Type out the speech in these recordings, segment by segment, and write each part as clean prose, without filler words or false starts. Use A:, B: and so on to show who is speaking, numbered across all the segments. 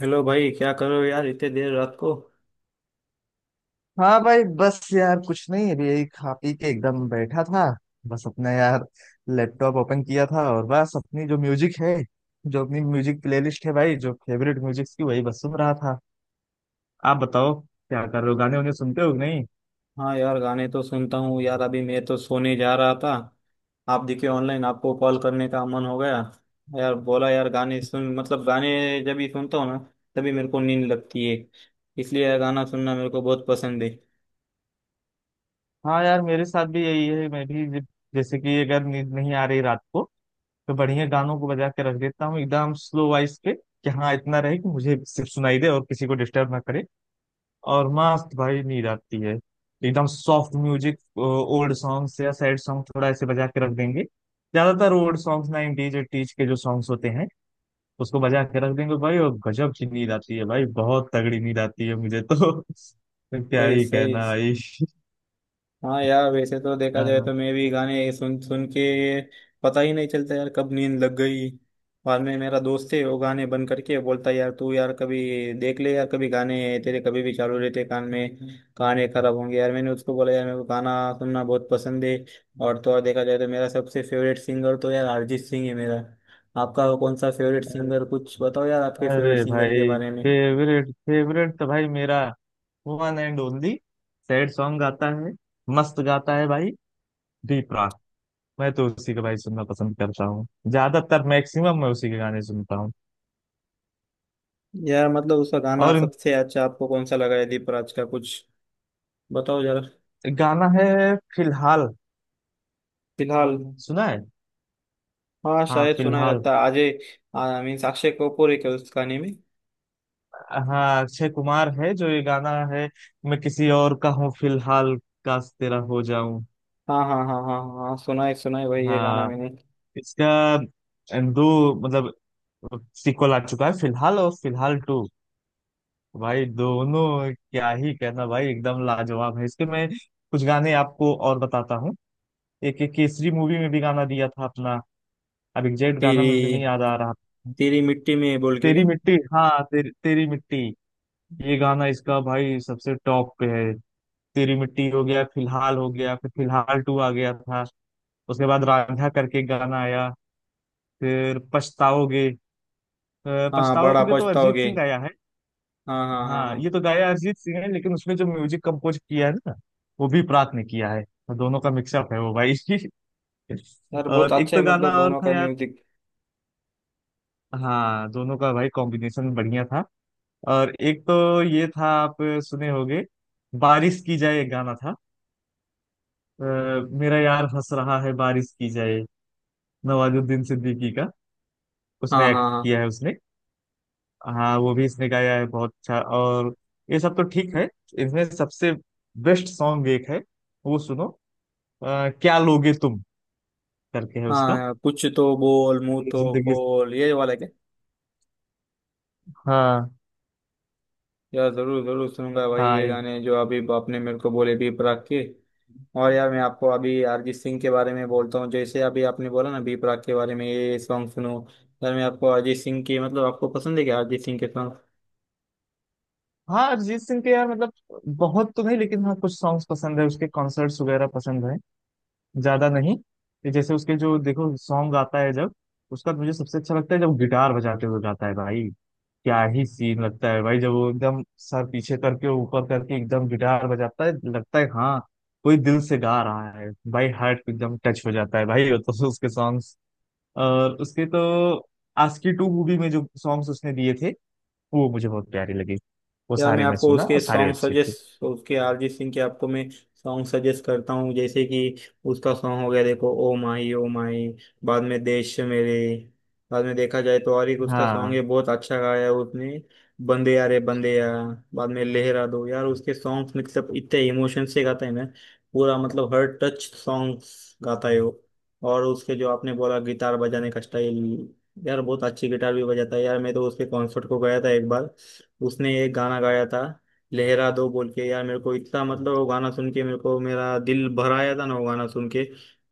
A: Hello भाई, क्या कर रहे हो यार इतने देर रात को।
B: हाँ भाई, बस यार कुछ नहीं। अभी यही खा पी के एकदम बैठा था। बस अपना यार लैपटॉप ओपन किया था, और बस अपनी जो म्यूजिक है, जो अपनी म्यूजिक प्लेलिस्ट है भाई, जो फेवरेट म्यूजिक की वही बस सुन रहा था। आप बताओ क्या कर रहे हो, गाने उन्हें सुनते हो कि नहीं।
A: हाँ यार, गाने तो सुनता हूँ यार। अभी मैं तो सोने जा रहा था। आप दिखे ऑनलाइन, आपको कॉल करने का मन हो गया। यार बोला यार गाने सुन, मतलब गाने जब भी सुनता हूँ ना, तभी मेरे को नींद लगती है। इसलिए यार गाना सुनना मेरे को बहुत पसंद है।
B: हाँ यार मेरे साथ भी यही है। जैसे कि अगर नींद नहीं आ रही रात को तो बढ़िया गानों को बजा के रख देता हूँ एकदम स्लो वॉइस पे। कि हाँ इतना रहे कि मुझे सिर्फ सुनाई दे और किसी को डिस्टर्ब ना करे, और मस्त भाई नींद आती है। एकदम सॉफ्ट म्यूजिक, ओल्ड सॉन्ग्स या सैड सॉन्ग थोड़ा ऐसे बजा के रख देंगे। ज्यादातर ओल्ड सॉन्ग्स 90s एटीज के जो सॉन्ग्स होते हैं उसको बजा के रख देंगे भाई, और गजब की नींद आती है भाई, बहुत तगड़ी नींद आती है मुझे तो क्या
A: सही
B: ही
A: सही।
B: कहना भाई।
A: हाँ यार, वैसे तो देखा जाए
B: हाँ।
A: तो मैं भी गाने सुन सुन के पता ही नहीं चलता यार कब नींद लग गई। बाद में मेरा दोस्त है वो गाने बंद करके बोलता है, यार तू यार कभी देख ले यार, कभी गाने तेरे कभी भी चालू रहते कान में, गाने खराब होंगे। यार मैंने उसको बोला यार मेरे को गाना सुनना बहुत पसंद है। और तो और, देखा जाए तो मेरा सबसे फेवरेट सिंगर तो यार अरिजीत सिंह है मेरा। आपका कौन सा फेवरेट
B: अरे
A: सिंगर, कुछ बताओ यार आपके
B: अरे
A: फेवरेट सिंगर के
B: भाई,
A: बारे में।
B: फेवरेट फेवरेट तो भाई मेरा one and only. Sad song गाता है, मस्त गाता है भाई। डी। मैं तो उसी के भाई सुनना पसंद करता हूँ। ज्यादातर मैक्सिमम मैं उसी के गाने सुनता हूँ।
A: यार मतलब उसका गाना
B: और
A: सबसे अच्छा आपको कौन सा लगा है दीपराज का, कुछ बताओ जरा।
B: गाना है फिलहाल,
A: फिलहाल।
B: सुना है।
A: हाँ
B: हाँ
A: शायद सुना ही
B: फिलहाल।
A: लगता है अजय। मीन्स अक्षय कपूर है क्या उस गाने में।
B: हाँ अक्षय कुमार है जो ये गाना है। मैं किसी और का हूँ फिलहाल, काश तेरा हो जाऊं।
A: हाँ हाँ हाँ हाँ हाँ, सुना है भाई ये गाना
B: हाँ,
A: मैंने।
B: इसका दो, मतलब सीक्वल आ चुका है, फिलहाल और फिलहाल टू, भाई दोनों। क्या ही कहना भाई, एकदम लाजवाब है इसके। मैं कुछ गाने आपको और बताता हूँ। एक एक केसरी मूवी में भी गाना दिया था अपना। अब एग्जैक्ट गाना मुझे नहीं
A: तेरी
B: याद आ रहा।
A: तेरी मिट्टी में बोल के
B: तेरी
A: क्या।
B: मिट्टी, हाँ तेरी, तेरी मिट्टी। ये गाना इसका भाई सबसे टॉप पे है। तेरी मिट्टी हो गया, फिलहाल हो गया, फिर फिलहाल टू आ गया था। उसके बाद रांझा करके एक गाना आया। फिर पछताओगे,
A: हाँ बड़ा
B: पछताओगे तो अरिजीत
A: पछताओगे।
B: सिंह गाया है।
A: हाँ हाँ हाँ
B: हाँ
A: हाँ।
B: ये तो गाया अरिजीत सिंह है, लेकिन उसमें जो म्यूजिक कंपोज किया है ना, वो भी प्रात ने किया है। तो दोनों का मिक्सअप है वो भाई।
A: यार बहुत
B: और एक
A: अच्छा है,
B: तो गाना
A: मतलब
B: और
A: दोनों
B: था
A: का
B: यार।
A: म्यूजिक।
B: हाँ दोनों का भाई कॉम्बिनेशन बढ़िया था। और एक तो ये था, आप सुने होंगे, बारिश की जाए एक गाना था। अ, मेरा यार हंस रहा है, बारिश की जाए, नवाजुद्दीन सिद्दीकी का, उसमें
A: हाँ
B: एक्ट
A: हाँ
B: किया है उसने। हाँ वो भी इसने गाया है, बहुत अच्छा। और ये सब तो ठीक है। इसमें सबसे बेस्ट सॉन्ग एक है, वो सुनो। क्या लोगे तुम करके है
A: हाँ
B: उसका,
A: हाँ, कुछ तो बोल मुंह
B: मेरी
A: तो
B: जिंदगी।
A: बोल ये वाला क्या।
B: हाँ
A: यार जरूर जरूर सुनूंगा भाई
B: हाँ
A: ये
B: ये।
A: गाने जो अभी आपने मेरे को बोले बी प्राक के। और यार मैं आपको अभी अरिजीत सिंह के बारे में बोलता हूँ, जैसे अभी आपने बोला ना बी प्राक के बारे में ये सॉन्ग सुनो। यार मैं आपको अरिजीत सिंह की, मतलब आपको पसंद है क्या अरिजीत सिंह के।
B: हाँ अरिजीत सिंह के यार, मतलब बहुत तो नहीं, लेकिन हाँ कुछ सॉन्ग्स पसंद है उसके, कॉन्सर्ट्स वगैरह पसंद है। ज्यादा नहीं। ये जैसे उसके जो देखो सॉन्ग गाता है जब, उसका मुझे सबसे अच्छा लगता है जब गिटार बजाते हुए गाता है भाई। क्या ही सीन लगता है भाई, जब वो एकदम सर पीछे करके ऊपर करके एकदम गिटार बजाता है, लगता है हाँ कोई दिल से गा रहा है भाई। हार्ट को एकदम टच हो जाता है भाई, वो तो उसके सॉन्ग्स। और उसके तो आस्की टू मूवी में जो सॉन्ग्स उसने दिए थे, वो मुझे बहुत प्यारे लगे। वो
A: यार मैं
B: सारे मैं
A: आपको
B: सुना और
A: उसके
B: सारे
A: सॉन्ग
B: अच्छे थे।
A: सजेस्ट, उसके अरिजीत सिंह के आपको मैं सॉन्ग सजेस्ट करता हूँ। जैसे कि उसका सॉन्ग हो गया देखो, ओ माही ओ माही। बाद में देश मेरे। बाद में देखा जाए तो और एक उसका सॉन्ग
B: हाँ
A: है, बहुत अच्छा गाया है उसने, बंदे यार रे बंदे यार। बाद में लहरा दो। यार उसके सॉन्ग्स मतलब इतने इमोशन से गाता है ना, पूरा मतलब हर टच सॉन्ग्स गाता है वो। और उसके जो आपने बोला गिटार बजाने का स्टाइल, यार बहुत अच्छी गिटार भी बजाता है यार। मैं तो उसके कॉन्सर्ट को गया था एक बार, उसने एक गाना गाया था लहरा दो बोल के। यार मेरे को इतना, मतलब वो गाना सुन के मेरे को मेरा दिल भर आया था ना वो गाना सुन के।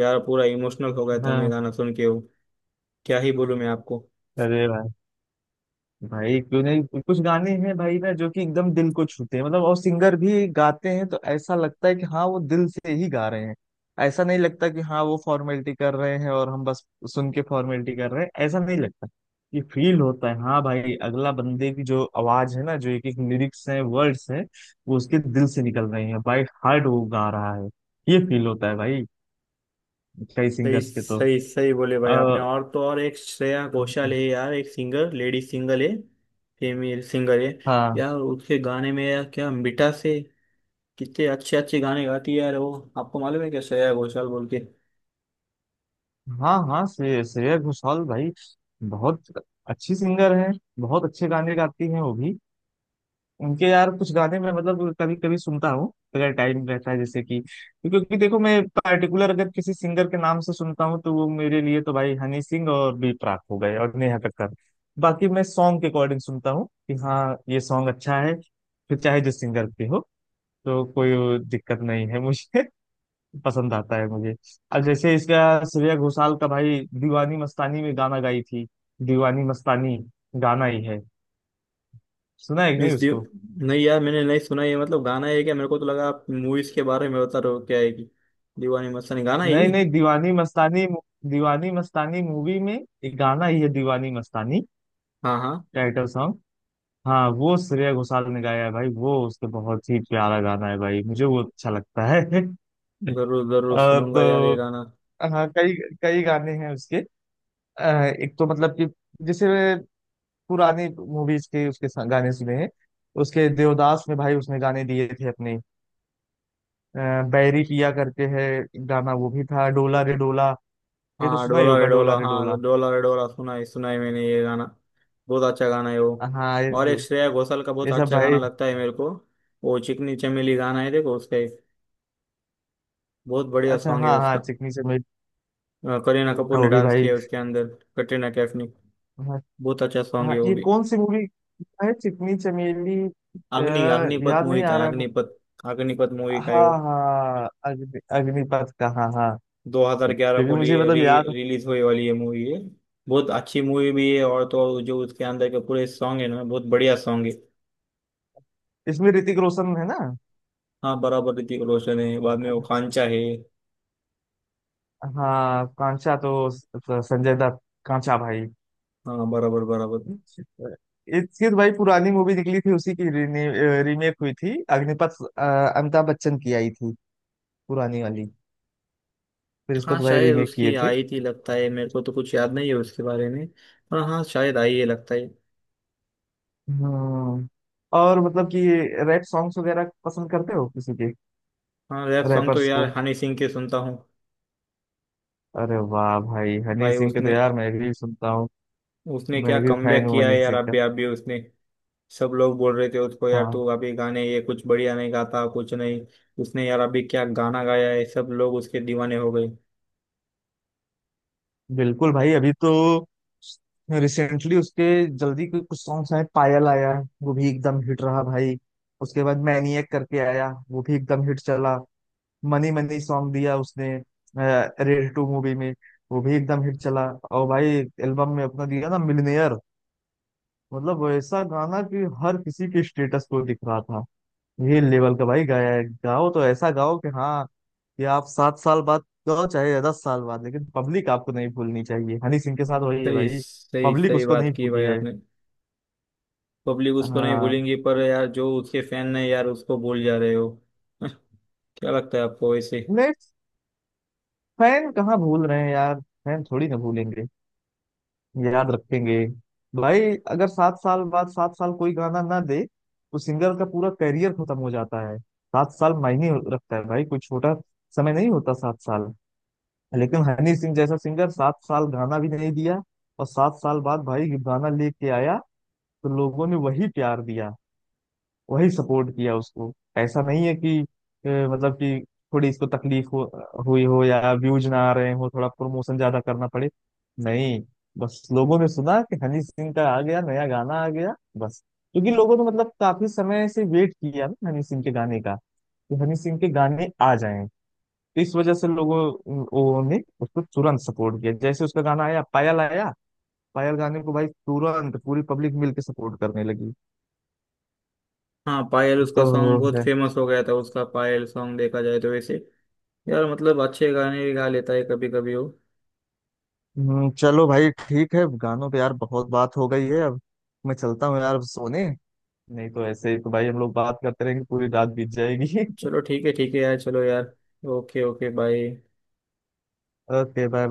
A: यार पूरा इमोशनल हो गया था मैं
B: हाँ।
A: गाना सुन के वो। क्या ही बोलूं मैं आपको।
B: अरे भाई, भाई क्यों नहीं, कुछ गाने हैं भाई ना जो कि एकदम दिल को छूते हैं। मतलब और सिंगर भी गाते हैं तो ऐसा लगता है कि हाँ वो दिल से ही गा रहे हैं। ऐसा नहीं लगता कि हाँ वो फॉर्मेलिटी कर रहे हैं और हम बस सुन के फॉर्मेलिटी कर रहे हैं, ऐसा नहीं लगता। ये फील होता है हाँ भाई, अगला बंदे की जो आवाज है ना, जो एक एक लिरिक्स है वर्ड्स है, वो उसके दिल से निकल रहे हैं। बाय हार्ट वो गा रहा है, ये फील होता है भाई। कई
A: सही
B: सिंगर्स के तो।
A: सही, सही बोले भाई
B: आ,
A: आपने। और तो और, एक श्रेया घोषाल है यार, एक सिंगर लेडी सिंगर है, फीमेल सिंगर है।
B: हाँ
A: यार उसके गाने में यार क्या मिठास है। कितने अच्छे अच्छे गाने गाती है यार वो, आपको मालूम है क्या श्रेया घोषाल बोल के।
B: हाँ हाँ, श्रेया घोषाल भाई बहुत अच्छी सिंगर हैं, बहुत अच्छे गाने गाती हैं वो भी। उनके यार कुछ गाने मैं मतलब कभी कभी सुनता हूँ, अगर टाइम रहता है। जैसे कि, क्योंकि देखो मैं पर्टिकुलर अगर किसी सिंगर के नाम से सुनता हूँ तो वो मेरे लिए तो भाई हनी सिंह और बी प्राक हो गए और नेहा कक्कड़। बाकी मैं सॉन्ग के अकॉर्डिंग सुनता हूँ कि हाँ ये सॉन्ग अच्छा है, फिर चाहे जिस सिंगर पे हो, तो कोई दिक्कत नहीं है मुझे, पसंद आता है मुझे। अब जैसे इसका, श्रेया घोषाल का भाई दीवानी मस्तानी में गाना गाई थी। दीवानी मस्तानी गाना ही है, सुना है कि नहीं
A: मीन्स दियो,
B: उसको।
A: नहीं यार मैंने नहीं सुना ये, मतलब गाना है क्या? मेरे को तो लगा आप मूवीज के बारे में बता रहे हो, क्या है कि दीवानी मस्तानी गाना है
B: नहीं
A: ये।
B: नहीं, दीवानी मस्तानी, दीवानी मस्तानी मूवी में एक गाना ही है दीवानी मस्तानी,
A: हाँ हाँ,
B: टाइटल सॉन्ग। हाँ वो श्रेया घोषाल ने गाया है भाई, वो उसके बहुत ही प्यारा गाना है भाई, मुझे वो अच्छा लगता है।
A: जरूर जरूर
B: और
A: सुनूंगा यार ये
B: तो
A: गाना।
B: हाँ कई, कई गाने हैं उसके। अ, एक तो मतलब कि, जैसे पुरानी मूवीज के उसके गाने सुने हैं, उसके देवदास में भाई उसने गाने दिए थे अपने। अ, बैरी पिया करके है गाना, वो भी था डोला रे डोला। ये तो
A: हाँ
B: सुना ही
A: डोला रे
B: होगा डोला
A: डोला,
B: रे डोला।
A: हाँ डोला रे डोला, सुना है मैंने ये गाना। बहुत अच्छा गाना है वो।
B: हाँ ये
A: और एक
B: सब,
A: श्रेया घोषाल का बहुत
B: ये सब
A: अच्छा
B: भाई
A: गाना लगता है मेरे को, वो चिकनी चमेली गाना है देखो उसका एक, बहुत बढ़िया
B: अच्छा।
A: सॉन्ग है
B: हाँ हाँ
A: उसका।
B: चिकनी चमेली,
A: करीना कपूर
B: हाँ,
A: ने
B: वो भी
A: डांस
B: भाई।
A: किया है उसके अंदर, कटरीना कैफ ने।
B: हाँ
A: बहुत अच्छा सॉन्ग
B: हाँ,
A: है वो
B: ये
A: भी।
B: कौन सी मूवी है चिकनी चमेली,
A: अग्निपथ
B: याद
A: मूवी
B: नहीं
A: का
B: आ
A: है,
B: रहा है।
A: अग्निपथ। अग्निपथ मूवी का है
B: हाँ
A: वो।
B: हाँ, अग्निपथ का, हाँ हाँ।
A: 2011
B: क्योंकि
A: को
B: मुझे
A: लिए री
B: मतलब याद।
A: रिलीज होने वाली ये मूवी है। बहुत अच्छी मूवी भी है, और तो और जो उसके अंदर के पूरे सॉन्ग है ना बहुत बढ़िया सॉन्ग है।
B: इसमें ऋतिक रोशन है ना।
A: हाँ बराबर, ऋतिक रोशन है। बाद में वो कांचा है।
B: हाँ कांचा तो संजय दत्त, कांचा भाई।
A: हाँ बराबर बराबर।
B: इसकी तो भाई पुरानी मूवी निकली थी उसी की, रीमेक हुई थी अग्निपथ। अमिताभ बच्चन की आई थी, पुरानी वाली। फिर इसको
A: हाँ
B: तो भाई
A: शायद
B: रीमेक
A: उसकी
B: किए थे।
A: आई थी लगता है, मेरे को तो कुछ याद नहीं है उसके बारे में। पर हाँ शायद आई है लगता है।
B: हम्म। और मतलब कि रैप सॉन्ग्स वगैरह पसंद करते हो किसी के,
A: हाँ रैप सॉन्ग तो
B: रैपर्स
A: यार
B: को।
A: हनी सिंह के सुनता हूँ।
B: अरे वाह भाई, हनी
A: भाई
B: सिंह के तो
A: उसने
B: यार मैं भी सुनता हूँ,
A: उसने क्या
B: मैं भी फैन
A: कमबैक
B: हूँ
A: किया
B: हनी
A: है यार,
B: सिंह का।
A: अभी अभी उसने। सब लोग बोल रहे थे उसको, यार
B: हाँ
A: तू अभी गाने ये कुछ बढ़िया नहीं गाता कुछ नहीं। उसने यार अभी क्या गाना गाया है, सब लोग उसके दीवाने हो गए।
B: बिल्कुल भाई। अभी तो रिसेंटली उसके जल्दी के कुछ सॉन्ग्स आए, पायल आया, वो भी एकदम हिट रहा भाई। उसके बाद मैनिएक करके आया, वो भी एकदम हिट चला। मनी मनी सॉन्ग दिया उसने रेड टू मूवी में, वो भी एकदम हिट चला। और भाई एल्बम में अपना दिया ना मिलनेयर। मतलब वो ऐसा गाना कि हर किसी के स्टेटस को दिख रहा था, ये लेवल का भाई गाया। गाओ तो ऐसा गाओ कि हाँ, कि आप 7 साल बाद गाओ चाहे 10 साल बाद, लेकिन पब्लिक आपको नहीं भूलनी चाहिए। हनी सिंह के साथ वही है
A: सही
B: भाई,
A: सही,
B: पब्लिक
A: सही
B: उसको नहीं
A: बात की
B: भूली
A: भाई
B: है।
A: आपने। पब्लिक उसको नहीं
B: हाँ
A: भूलेंगी, पर यार जो उसके फैन है यार उसको भूल जा रहे हो। क्या लगता है आपको वैसे।
B: नहीं, फैन कहाँ भूल रहे हैं यार, फैन थोड़ी ना भूलेंगे, याद रखेंगे भाई। अगर 7 साल बाद 7 साल कोई गाना ना दे तो सिंगर का पूरा करियर खत्म हो जाता है। 7 साल मायने रखता है भाई, कोई छोटा समय नहीं होता 7 साल। लेकिन हनी सिंह जैसा सिंगर 7 साल गाना भी नहीं दिया, और 7 साल बाद भाई गाना लेके आया, तो लोगों ने वही प्यार दिया, वही सपोर्ट किया उसको। ऐसा नहीं है कि मतलब कि थोड़ी इसको तकलीफ हो, हुई हो, या व्यूज ना आ रहे हो, थोड़ा प्रमोशन ज्यादा करना पड़े। नहीं, बस लोगों ने सुना कि हनी सिंह का आ गया, नया गाना आ गया बस। क्योंकि लोगों ने मतलब काफी समय से वेट किया ना हनी सिंह के गाने का, कि हनी सिंह के गाने आ जाएं। इस वजह से लोगों, वो ने उसको तुरंत सपोर्ट किया। जैसे उसका गाना आया पायल आया, पायल गाने को भाई तुरंत पूरी पब्लिक मिलके सपोर्ट करने लगी।
A: हाँ पायल उसका सॉन्ग
B: तो
A: बहुत
B: है।
A: फेमस हो गया था, उसका पायल सॉन्ग देखा जाए तो वैसे। यार मतलब अच्छे गाने भी गा लेता है कभी कभी वो।
B: चलो भाई ठीक है, गानों पे यार बहुत बात हो गई है अब। मैं चलता हूँ यार अब सोने, नहीं तो ऐसे ही तो भाई हम लोग बात करते रहेंगे, पूरी रात बीत जाएगी।
A: चलो ठीक है यार, चलो यार। Okay okay bye.
B: Okay bye.